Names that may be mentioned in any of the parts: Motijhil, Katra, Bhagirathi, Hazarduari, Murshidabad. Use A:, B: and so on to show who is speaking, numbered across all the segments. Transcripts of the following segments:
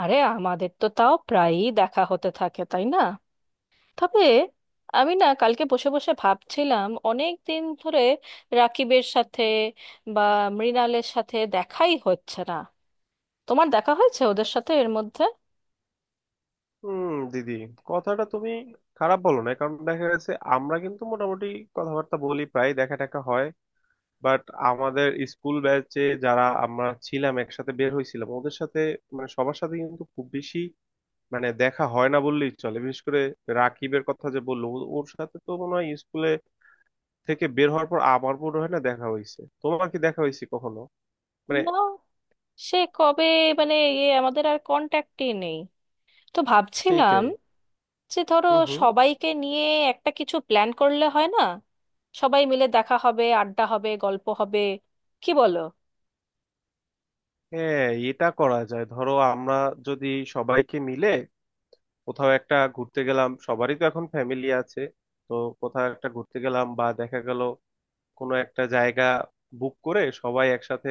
A: আরে আমাদের তো তাও প্রায়ই দেখা হতে থাকে তাই না? তবে আমি না কালকে বসে বসে ভাবছিলাম অনেক দিন ধরে রাকিবের সাথে বা মৃণালের সাথে দেখাই হচ্ছে না। তোমার দেখা হয়েছে ওদের সাথে এর মধ্যে?
B: হুম। দিদি, কথাটা তুমি খারাপ বলো না, কারণ দেখা গেছে আমরা কিন্তু মোটামুটি কথাবার্তা বলি, প্রায় দেখা টাকা হয়। বাট আমাদের স্কুল ব্যাচে যারা আমরা ছিলাম একসাথে বের হয়েছিলাম ওদের সাথে, মানে সবার সাথে কিন্তু খুব বেশি, মানে দেখা হয় না বললেই চলে। বিশেষ করে রাকিবের কথা যে বললো, ওর সাথে তো মনে হয় স্কুলে থেকে বের হওয়ার পর আমার মনে হয় না দেখা হয়েছে। তোমার কি দেখা হয়েছে কখনো? মানে
A: না, সে কবে, মানে আমাদের আর কন্ট্যাক্টই নেই। তো ভাবছিলাম
B: সেইটাই।
A: যে ধরো
B: হুম, হুম।
A: সবাইকে নিয়ে একটা কিছু প্ল্যান করলে হয় না? সবাই মিলে দেখা হবে, আড্ডা হবে, গল্প হবে, কি বলো?
B: হ্যাঁ, এটা করা যায়। ধরো আমরা যদি সবাইকে মিলে কোথাও একটা ঘুরতে গেলাম, সবারই তো এখন ফ্যামিলি আছে, তো কোথাও একটা ঘুরতে গেলাম, বা দেখা গেল কোনো একটা জায়গা বুক করে সবাই একসাথে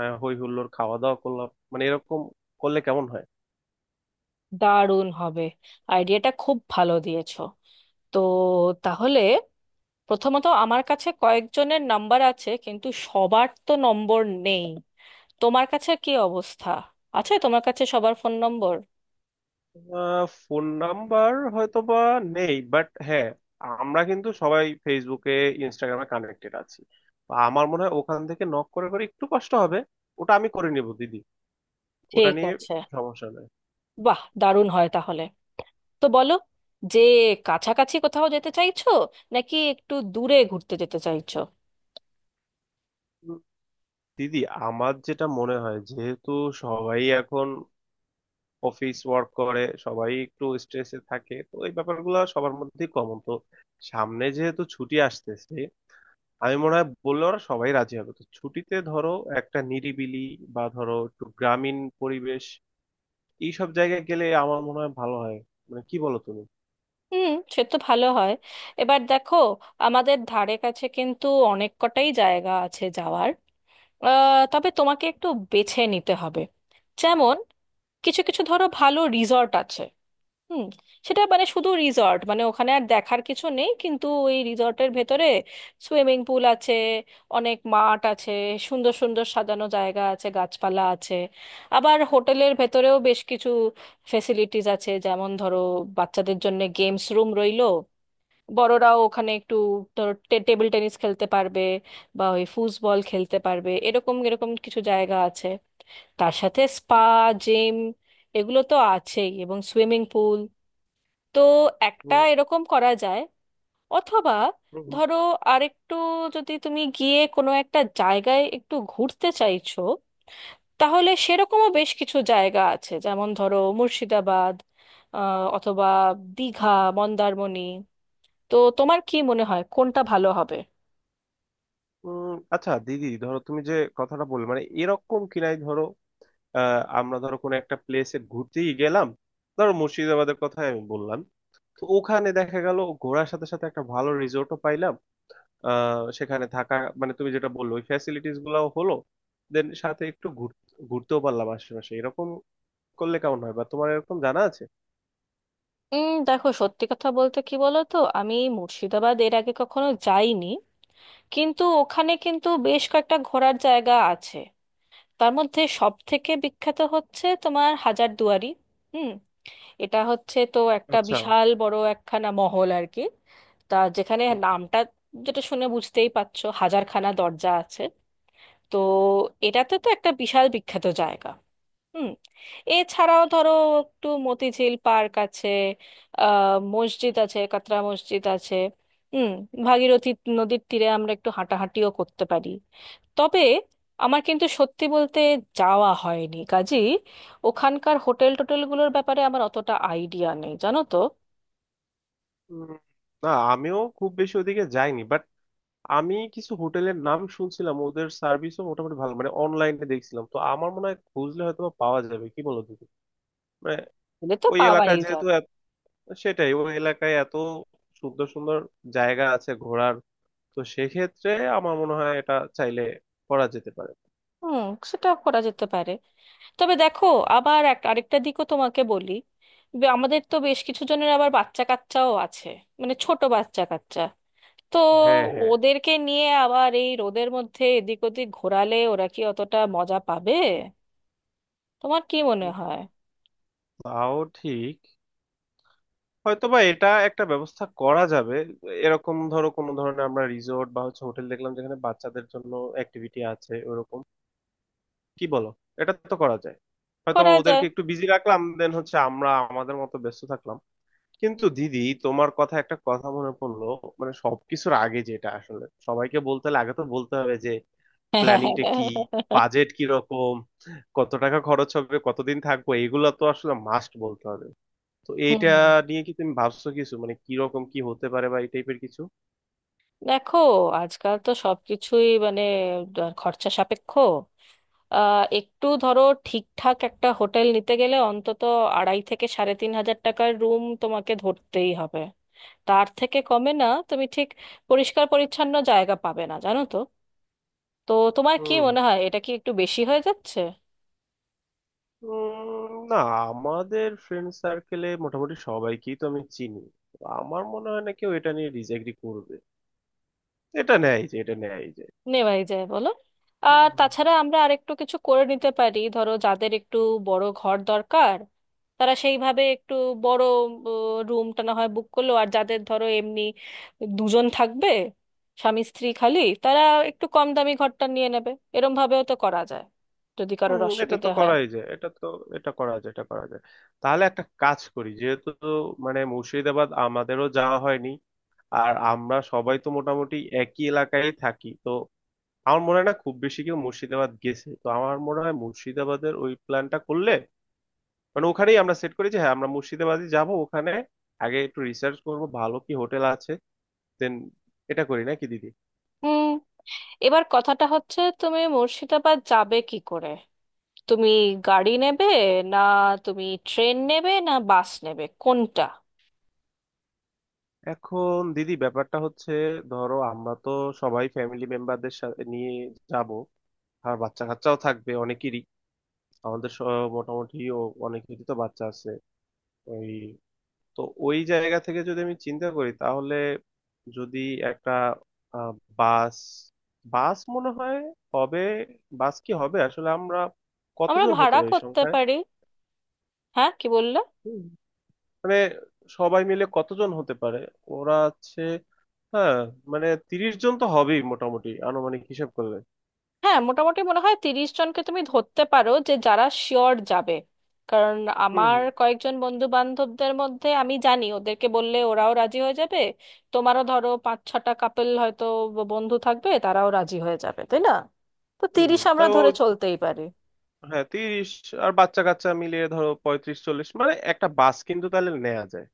B: হই হুল্লোড় খাওয়া দাওয়া করলাম, মানে এরকম করলে কেমন হয়?
A: দারুণ হবে। আইডিয়াটা খুব ভালো দিয়েছো। তো তাহলে প্রথমত আমার কাছে কয়েকজনের নাম্বার আছে কিন্তু সবার তো নম্বর নেই। তোমার কাছে কি অবস্থা? আছে তোমার কাছে সবার ফোন নম্বর?
B: ফোন নাম্বার হয়তোবা নেই, বাট হ্যাঁ, আমরা কিন্তু সবাই ফেসবুকে, ইনস্টাগ্রামে কানেক্টেড আছি, বা আমার মনে হয় ওখান থেকে নক করে করে একটু কষ্ট হবে, ওটা আমি করে নিব দিদি। ওটা
A: ঠিক
B: নিয়ে
A: আছে।
B: সমস্যা নেই।
A: বাহ, দারুণ হয় তাহলে। তো বলো যে কাছাকাছি কোথাও যেতে চাইছো নাকি একটু দূরে ঘুরতে যেতে চাইছো?
B: দিদি, আমার যেটা মনে হয়, যেহেতু সবাই এখন অফিস ওয়ার্ক করে সবাই একটু স্ট্রেসে থাকে, তো এই ব্যাপারগুলো সবার মধ্যেই কমন, তো সামনে যেহেতু ছুটি আসতেছে, আমি মনে হয় বললে ওরা সবাই রাজি হবে। তো ছুটিতে ধরো একটা নিরিবিলি বা ধরো একটু গ্রামীণ পরিবেশ, এইসব জায়গায় গেলে আমার মনে হয় ভালো হয়। মানে কি বলো তুমি?
A: হুম, সে তো ভালো হয়। এবার দেখো আমাদের ধারে কাছে কিন্তু অনেক কটাই জায়গা আছে যাওয়ার। তবে তোমাকে একটু বেছে নিতে হবে। যেমন কিছু কিছু ধরো ভালো রিসর্ট আছে। হুম। সেটা মানে শুধু রিসর্ট, মানে ওখানে আর দেখার কিছু নেই কিন্তু ওই রিসর্টের ভেতরে সুইমিং পুল আছে, অনেক মাঠ আছে, সুন্দর সুন্দর সাজানো জায়গা আছে, গাছপালা আছে। আবার হোটেলের ভেতরেও বেশ কিছু ফেসিলিটিস আছে, যেমন ধরো বাচ্চাদের জন্য গেমস রুম রইলো, বড়রাও ওখানে একটু ধরো টেবিল টেনিস খেলতে পারবে বা ওই ফুটবল খেলতে পারবে, এরকম এরকম কিছু জায়গা আছে। তার সাথে স্পা, জিম, এগুলো তো আছেই, এবং সুইমিং পুল। তো একটা
B: উম,
A: এরকম করা যায়। অথবা
B: উম,
A: ধরো আরেকটু, যদি তুমি গিয়ে কোনো একটা জায়গায় একটু ঘুরতে চাইছো, তাহলে সেরকমও বেশ কিছু জায়গা আছে, যেমন ধরো মুর্শিদাবাদ, অথবা দীঘা, মন্দারমণি। তো তোমার কি মনে হয় কোনটা ভালো হবে?
B: উম, আচ্ছা দিদি, ধরো তুমি যে কথাটা বললে, মানে এরকম কিনাই ধরো আমরা ধরো কোনো একটা প্লেসে ঘুরতেই গেলাম, ধরো মুর্শিদাবাদের কথাই আমি বললাম, তো ওখানে দেখা গেল ঘোরার সাথে সাথে একটা ভালো রিসোর্টও পাইলাম। সেখানে থাকা, মানে তুমি যেটা বললো ওই ফ্যাসিলিটিস গুলাও হলো, দেন সাথে একটু ঘুরতেও পারলাম আশেপাশে, এরকম করলে কেমন হয়? বা তোমার এরকম জানা আছে?
A: দেখো সত্যি কথা বলতে কি, বলো তো আমি মুর্শিদাবাদ এর আগে কখনো যাইনি, কিন্তু ওখানে কিন্তু বেশ কয়েকটা ঘোরার জায়গা আছে। তার মধ্যে সব থেকে বিখ্যাত হচ্ছে তোমার হাজারদুয়ারি। হুম। এটা হচ্ছে তো একটা
B: আচ্ছা।
A: বিশাল বড় একখানা মহল আর কি। তা যেখানে
B: হুম,
A: নামটা, যেটা শুনে বুঝতেই পারছো হাজারখানা দরজা আছে। তো এটাতে তো একটা বিশাল বিখ্যাত জায়গা। হুম। এছাড়াও ধরো একটু মতিঝিল পার্ক আছে, মসজিদ আছে, কাতরা মসজিদ আছে। হুম। ভাগীরথী নদীর তীরে আমরা একটু হাঁটাহাঁটিও করতে পারি। তবে আমার কিন্তু সত্যি বলতে যাওয়া হয়নি, কাজী ওখানকার হোটেল টোটেলগুলোর ব্যাপারে আমার অতটা আইডিয়া নেই, জানো তো।
B: হুম। না, আমিও খুব বেশি ওদিকে যাইনি, বাট আমি কিছু হোটেলের নাম শুনছিলাম, ওদের সার্ভিসও মোটামুটি ভালো, মানে অনলাইনে দেখছিলাম, তো আমার মনে হয় খুঁজলে হয়তো বা পাওয়া যাবে। কি বলো তুমি? মানে
A: গেলে তো
B: ওই
A: পাওয়াই
B: এলাকায় যেহেতু
A: যাবে।
B: এত- সেটাই, ওই এলাকায় এত সুন্দর সুন্দর জায়গা আছে ঘোরার, তো সেক্ষেত্রে আমার মনে হয় এটা চাইলে করা যেতে পারে।
A: হুম, সেটা করা যেতে পারে। তবে দেখো আবার এক আরেকটা দিকও তোমাকে বলি। আমাদের তো বেশ কিছু জনের আবার বাচ্চা কাচ্চাও আছে, মানে ছোট বাচ্চা কাচ্চা। তো
B: হ্যাঁ, হ্যাঁ,
A: ওদেরকে নিয়ে আবার এই রোদের মধ্যে এদিক ওদিক ঘোরালে ওরা কি অতটা মজা পাবে? তোমার কি মনে হয়?
B: তাও ঠিক। হয়তোবা এটা একটা ব্যবস্থা করা যাবে, এরকম ধরো কোনো ধরনের আমরা রিসোর্ট বা হচ্ছে হোটেল দেখলাম যেখানে বাচ্চাদের জন্য অ্যাক্টিভিটি আছে ওরকম। কি বলো, এটা তো করা যায়, হয়তো
A: করা যায়।
B: ওদেরকে একটু বিজি রাখলাম, দেন হচ্ছে আমরা আমাদের মতো ব্যস্ত থাকলাম। কিন্তু দিদি, তোমার কথা একটা কথা মনে পড়লো। মানে সবকিছুর আগে যেটা আসলে সবাইকে বলতে হলে আগে তো বলতে হবে, যে প্ল্যানিংটা কি, বাজেট কি রকম, কত টাকা খরচ হবে, কতদিন থাকবো, এগুলো তো আসলে মাস্ট বলতে হবে। তো এইটা
A: হুম,
B: নিয়ে কি তুমি ভাবছো কিছু? মানে কি রকম কি হতে পারে, বা এই টাইপের কিছু?
A: দেখো আজকাল তো সবকিছুই মানে খরচা সাপেক্ষ। একটু ধরো ঠিকঠাক একটা হোটেল নিতে গেলে অন্তত 2,500 থেকে 3,500 টাকার রুম তোমাকে ধরতেই হবে, তার থেকে কমে না তুমি ঠিক পরিষ্কার পরিচ্ছন্ন জায়গা পাবে না, জানো তো। তো তোমার কি
B: হুম
A: মনে হয় এটা কি একটু বেশি হয়ে যাচ্ছে?
B: না, আমাদের ফ্রেন্ড সার্কেলে মোটামুটি সবাইকেই তো আমি চিনি, তো আমার মনে হয় না কেউ এটা নিয়ে ডিসএগ্রি করবে। এটা নেয় যে।
A: নেওয়াই যায় বলো। আর তাছাড়া আমরা আরেকটু কিছু করে নিতে পারি, ধরো যাদের একটু বড় ঘর দরকার, তারা সেইভাবে একটু বড় রুমটা না হয় বুক করলো, আর যাদের ধরো এমনি দুজন থাকবে, স্বামী স্ত্রী খালি, তারা একটু কম দামি ঘরটা নিয়ে নেবে। এরম ভাবেও তো করা যায়, যদি কারোর
B: হুম, এটা তো
A: অসুবিধে হয়।
B: করাই যায়, এটা করা যায়। তাহলে একটা কাজ করি, যেহেতু মানে মুর্শিদাবাদ আমাদেরও যাওয়া হয়নি, আর আমরা সবাই তো মোটামুটি একই এলাকায় থাকি, তো আমার মনে হয় না খুব বেশি কেউ মুর্শিদাবাদ গেছে, তো আমার মনে হয় মুর্শিদাবাদের ওই প্ল্যানটা করলে, মানে ওখানেই আমরা সেট করি যে হ্যাঁ আমরা মুর্শিদাবাদই যাব ওখানে। আগে একটু রিসার্চ করব ভালো কি হোটেল আছে, দেন এটা করি নাকি দিদি?
A: হুম। এবার কথাটা হচ্ছে তুমি মুর্শিদাবাদ যাবে কি করে? তুমি গাড়ি নেবে, না তুমি ট্রেন নেবে না বাস নেবে, কোনটা?
B: এখন দিদি, ব্যাপারটা হচ্ছে, ধরো আমরা তো সবাই ফ্যামিলি মেম্বারদের সাথে নিয়ে যাব, আর বাচ্চা কাচ্চাও থাকবে অনেকেরই। আমাদের স- মোটামুটি অনেকেরই তো বাচ্চা আছে ওই, তো ওই জায়গা থেকে যদি আমি চিন্তা করি তাহলে, যদি একটা আহ, বাস বাস মনে হয় হবে। বাস কি হবে আসলে? আমরা
A: আমরা
B: কতজন হতে
A: ভাড়া
B: পারি
A: করতে
B: সংখ্যায়?
A: পারি। হ্যাঁ, কি বললে?
B: হুম। মানে সবাই মিলে কতজন হতে পারে, ওরা আছে, হ্যাঁ, মানে 30 জন তো হবেই মোটামুটি আনুমানিক হিসাব করলে।
A: হ্যাঁ, মোটামুটি মনে হয় 30 জনকে তুমি ধরতে পারো, যে যারা শিওর যাবে। কারণ
B: হুম
A: আমার
B: হুম
A: কয়েকজন বন্ধু বান্ধবদের মধ্যে আমি জানি, ওদেরকে বললে ওরাও রাজি হয়ে যাবে। তোমারও ধরো 5-6 কাপেল হয়তো বন্ধু থাকবে, তারাও রাজি হয়ে যাবে, তাই না? তো
B: হুম
A: তিরিশ
B: হুম।
A: আমরা
B: তাও
A: ধরে চলতেই পারি।
B: হ্যাঁ, 30 আর বাচ্চা কাচ্চা মিলিয়ে ধরো 35, 40 মানে একটা বাস কিন্তু তাহলে নেওয়া যায়।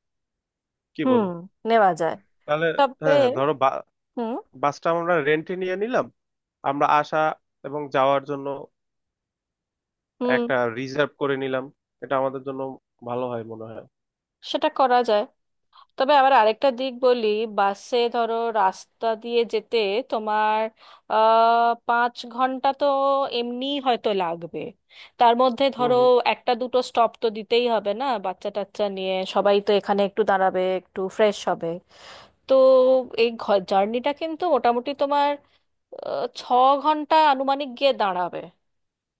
B: কি
A: হুম,
B: বলো?
A: নেওয়া যায়।
B: তাহলে
A: তবে
B: হ্যাঁ, হ্যাঁ ধরো,
A: হুম
B: বাসটা আমরা রেন্টে নিয়ে নিলাম আমরা আসা এবং যাওয়ার জন্য,
A: হুম,
B: একটা রিজার্ভ করে নিলাম, এটা আমাদের জন্য ভালো হয় মনে হয়।
A: সেটা করা যায়। তবে আবার আরেকটা দিক বলি। বাসে ধরো রাস্তা দিয়ে যেতে তোমার 5 ঘন্টা তো এমনি হয়তো লাগবে। তার মধ্যে
B: হুম,
A: ধরো
B: হুম।
A: একটা দুটো স্টপ তো দিতেই হবে না, বাচ্চা টাচ্চা নিয়ে সবাই তো এখানে একটু দাঁড়াবে, একটু ফ্রেশ হবে। তো এই জার্নিটা কিন্তু মোটামুটি তোমার 6 ঘন্টা আনুমানিক গিয়ে দাঁড়াবে।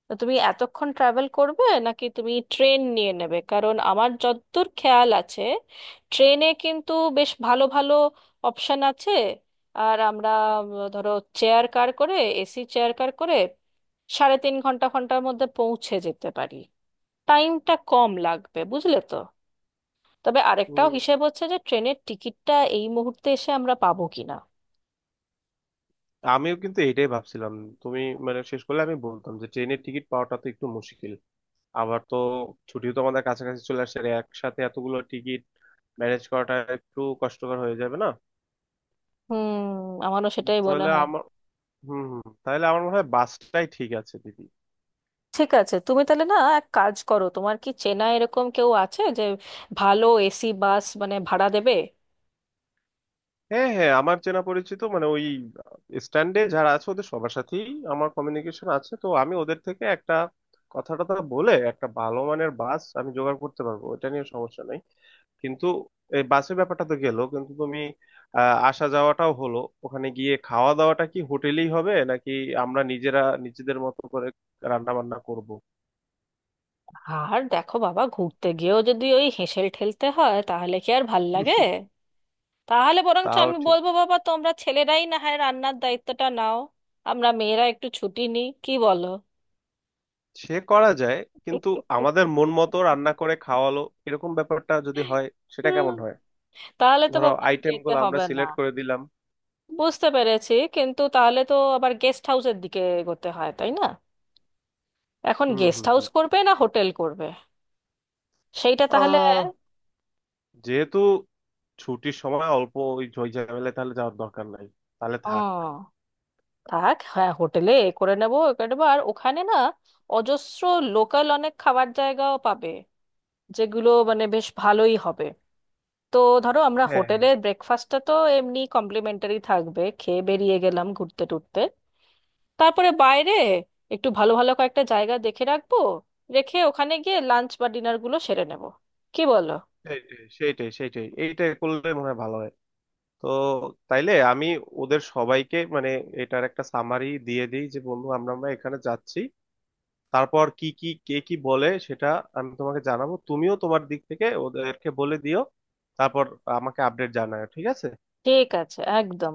A: তো তুমি এতক্ষণ ট্রাভেল করবে নাকি তুমি ট্রেন নিয়ে নেবে? কারণ আমার যতদূর খেয়াল আছে ট্রেনে কিন্তু বেশ ভালো ভালো অপশন আছে। আর আমরা ধরো চেয়ার কার করে, এসি চেয়ার কার করে সাড়ে তিন ঘন্টার মধ্যে পৌঁছে যেতে পারি। টাইমটা কম লাগবে, বুঝলে তো। তবে আরেকটাও
B: হুম।
A: হিসেব হচ্ছে যে ট্রেনের টিকিটটা এই মুহূর্তে এসে আমরা পাবো কিনা।
B: আমিও কিন্তু এটাই ভাবছিলাম, তুমি মানে শেষ করলে আমি বলতাম, যে ট্রেনের টিকিট পাওয়াটা তো একটু মুশকিল, আবার তো ছুটিও তো আমাদের কাছাকাছি চলে আসছে, আর একসাথে এতগুলো টিকিট ম্যানেজ করাটা একটু কষ্টকর হয়ে যাবে না?
A: হুম, আমারও সেটাই মনে
B: তাহলে
A: হয়।
B: আমার তাহলে আমার মনে হয় বাসটাই ঠিক আছে দিদি।
A: ঠিক আছে, তুমি তাহলে না এক কাজ করো, তোমার কি চেনা এরকম কেউ আছে যে ভালো এসি বাস মানে ভাড়া দেবে?
B: হ্যাঁ, হ্যাঁ আমার চেনা পরিচিত মানে ওই স্ট্যান্ডে যারা আছে ওদের সবার সাথেই আমার কমিউনিকেশন আছে, তো আমি ওদের থেকে একটা কথাটা টথা বলে একটা ভালো মানের বাস আমি জোগাড় করতে পারবো, ওটা নিয়ে সমস্যা নেই। কিন্তু এই বাসের ব্যাপারটা তো গেলো, কিন্তু তুমি আসা যাওয়াটাও হলো, ওখানে গিয়ে খাওয়া দাওয়াটা কি হোটেলেই হবে নাকি আমরা নিজেরা নিজেদের মতো করে রান্না বান্না করবো?
A: আর দেখো বাবা, ঘুরতে গিয়েও যদি ওই হেসেল ঠেলতে হয় তাহলে কি আর ভাল লাগে? তাহলে বরঞ্চ
B: তাও
A: আমি
B: ঠিক,
A: বলবো বাবা তোমরা ছেলেরাই না হয় রান্নার দায়িত্বটা নাও, আমরা মেয়েরা একটু ছুটি নিই, কি বলো?
B: সে করা যায়। কিন্তু আমাদের মন মতো রান্না করে খাওয়ালো, এরকম ব্যাপারটা যদি হয়, সেটা
A: হুম,
B: কেমন হয়?
A: তাহলে তো
B: ধরো
A: বাবা আর
B: আইটেম
A: যেতে
B: গুলো আমরা
A: হবে না।
B: সিলেক্ট করে দিলাম।
A: বুঝতে পেরেছি কিন্তু তাহলে তো আবার গেস্ট হাউসের দিকে এগোতে হয় তাই না? এখন
B: হুম,
A: গেস্ট
B: হুম,
A: হাউস
B: হুম।
A: করবে না হোটেল করবে, সেইটা তাহলে।
B: আহ যেহেতু ছুটির সময় অল্প, ওই ঝই ঝামেলায় তাহলে যাওয়ার দরকার নাই, তাহলে
A: ও,
B: থাক।
A: থাক, হ্যাঁ, হোটেলে এ করে নেবো। একবার ওখানে না অজস্র লোকাল অনেক খাবার জায়গাও পাবে, যেগুলো মানে বেশ ভালোই হবে। তো ধরো আমরা
B: হ্যাঁ,
A: হোটেলের ব্রেকফাস্টটা তো এমনি কমপ্লিমেন্টারি থাকবে, খেয়ে বেরিয়ে গেলাম ঘুরতে টুরতে, তারপরে বাইরে একটু ভালো ভালো কয়েকটা জায়গা দেখে রাখবো, রেখে ওখানে গিয়ে লাঞ্চ বা ডিনার গুলো সেরে নেব, কি বলো?
B: হ্যাঁ, সেইটাই সেইটাই সেইটাই এইটাই করলে মনে হয় ভালো হয়। তো তাইলে আমি ওদের সবাইকে মানে এটার একটা সামারি দিয়ে দিই, যে বন্ধু, আমরা আমরা এখানে যাচ্ছি। তারপর কি কি কে কি বলে সেটা আমি তোমাকে জানাবো, তুমিও তোমার দিক থেকে ওদেরকে বলে দিও। তারপর আমাকে আপডেট জানাও, ঠিক আছে?
A: ঠিক আছে, একদম।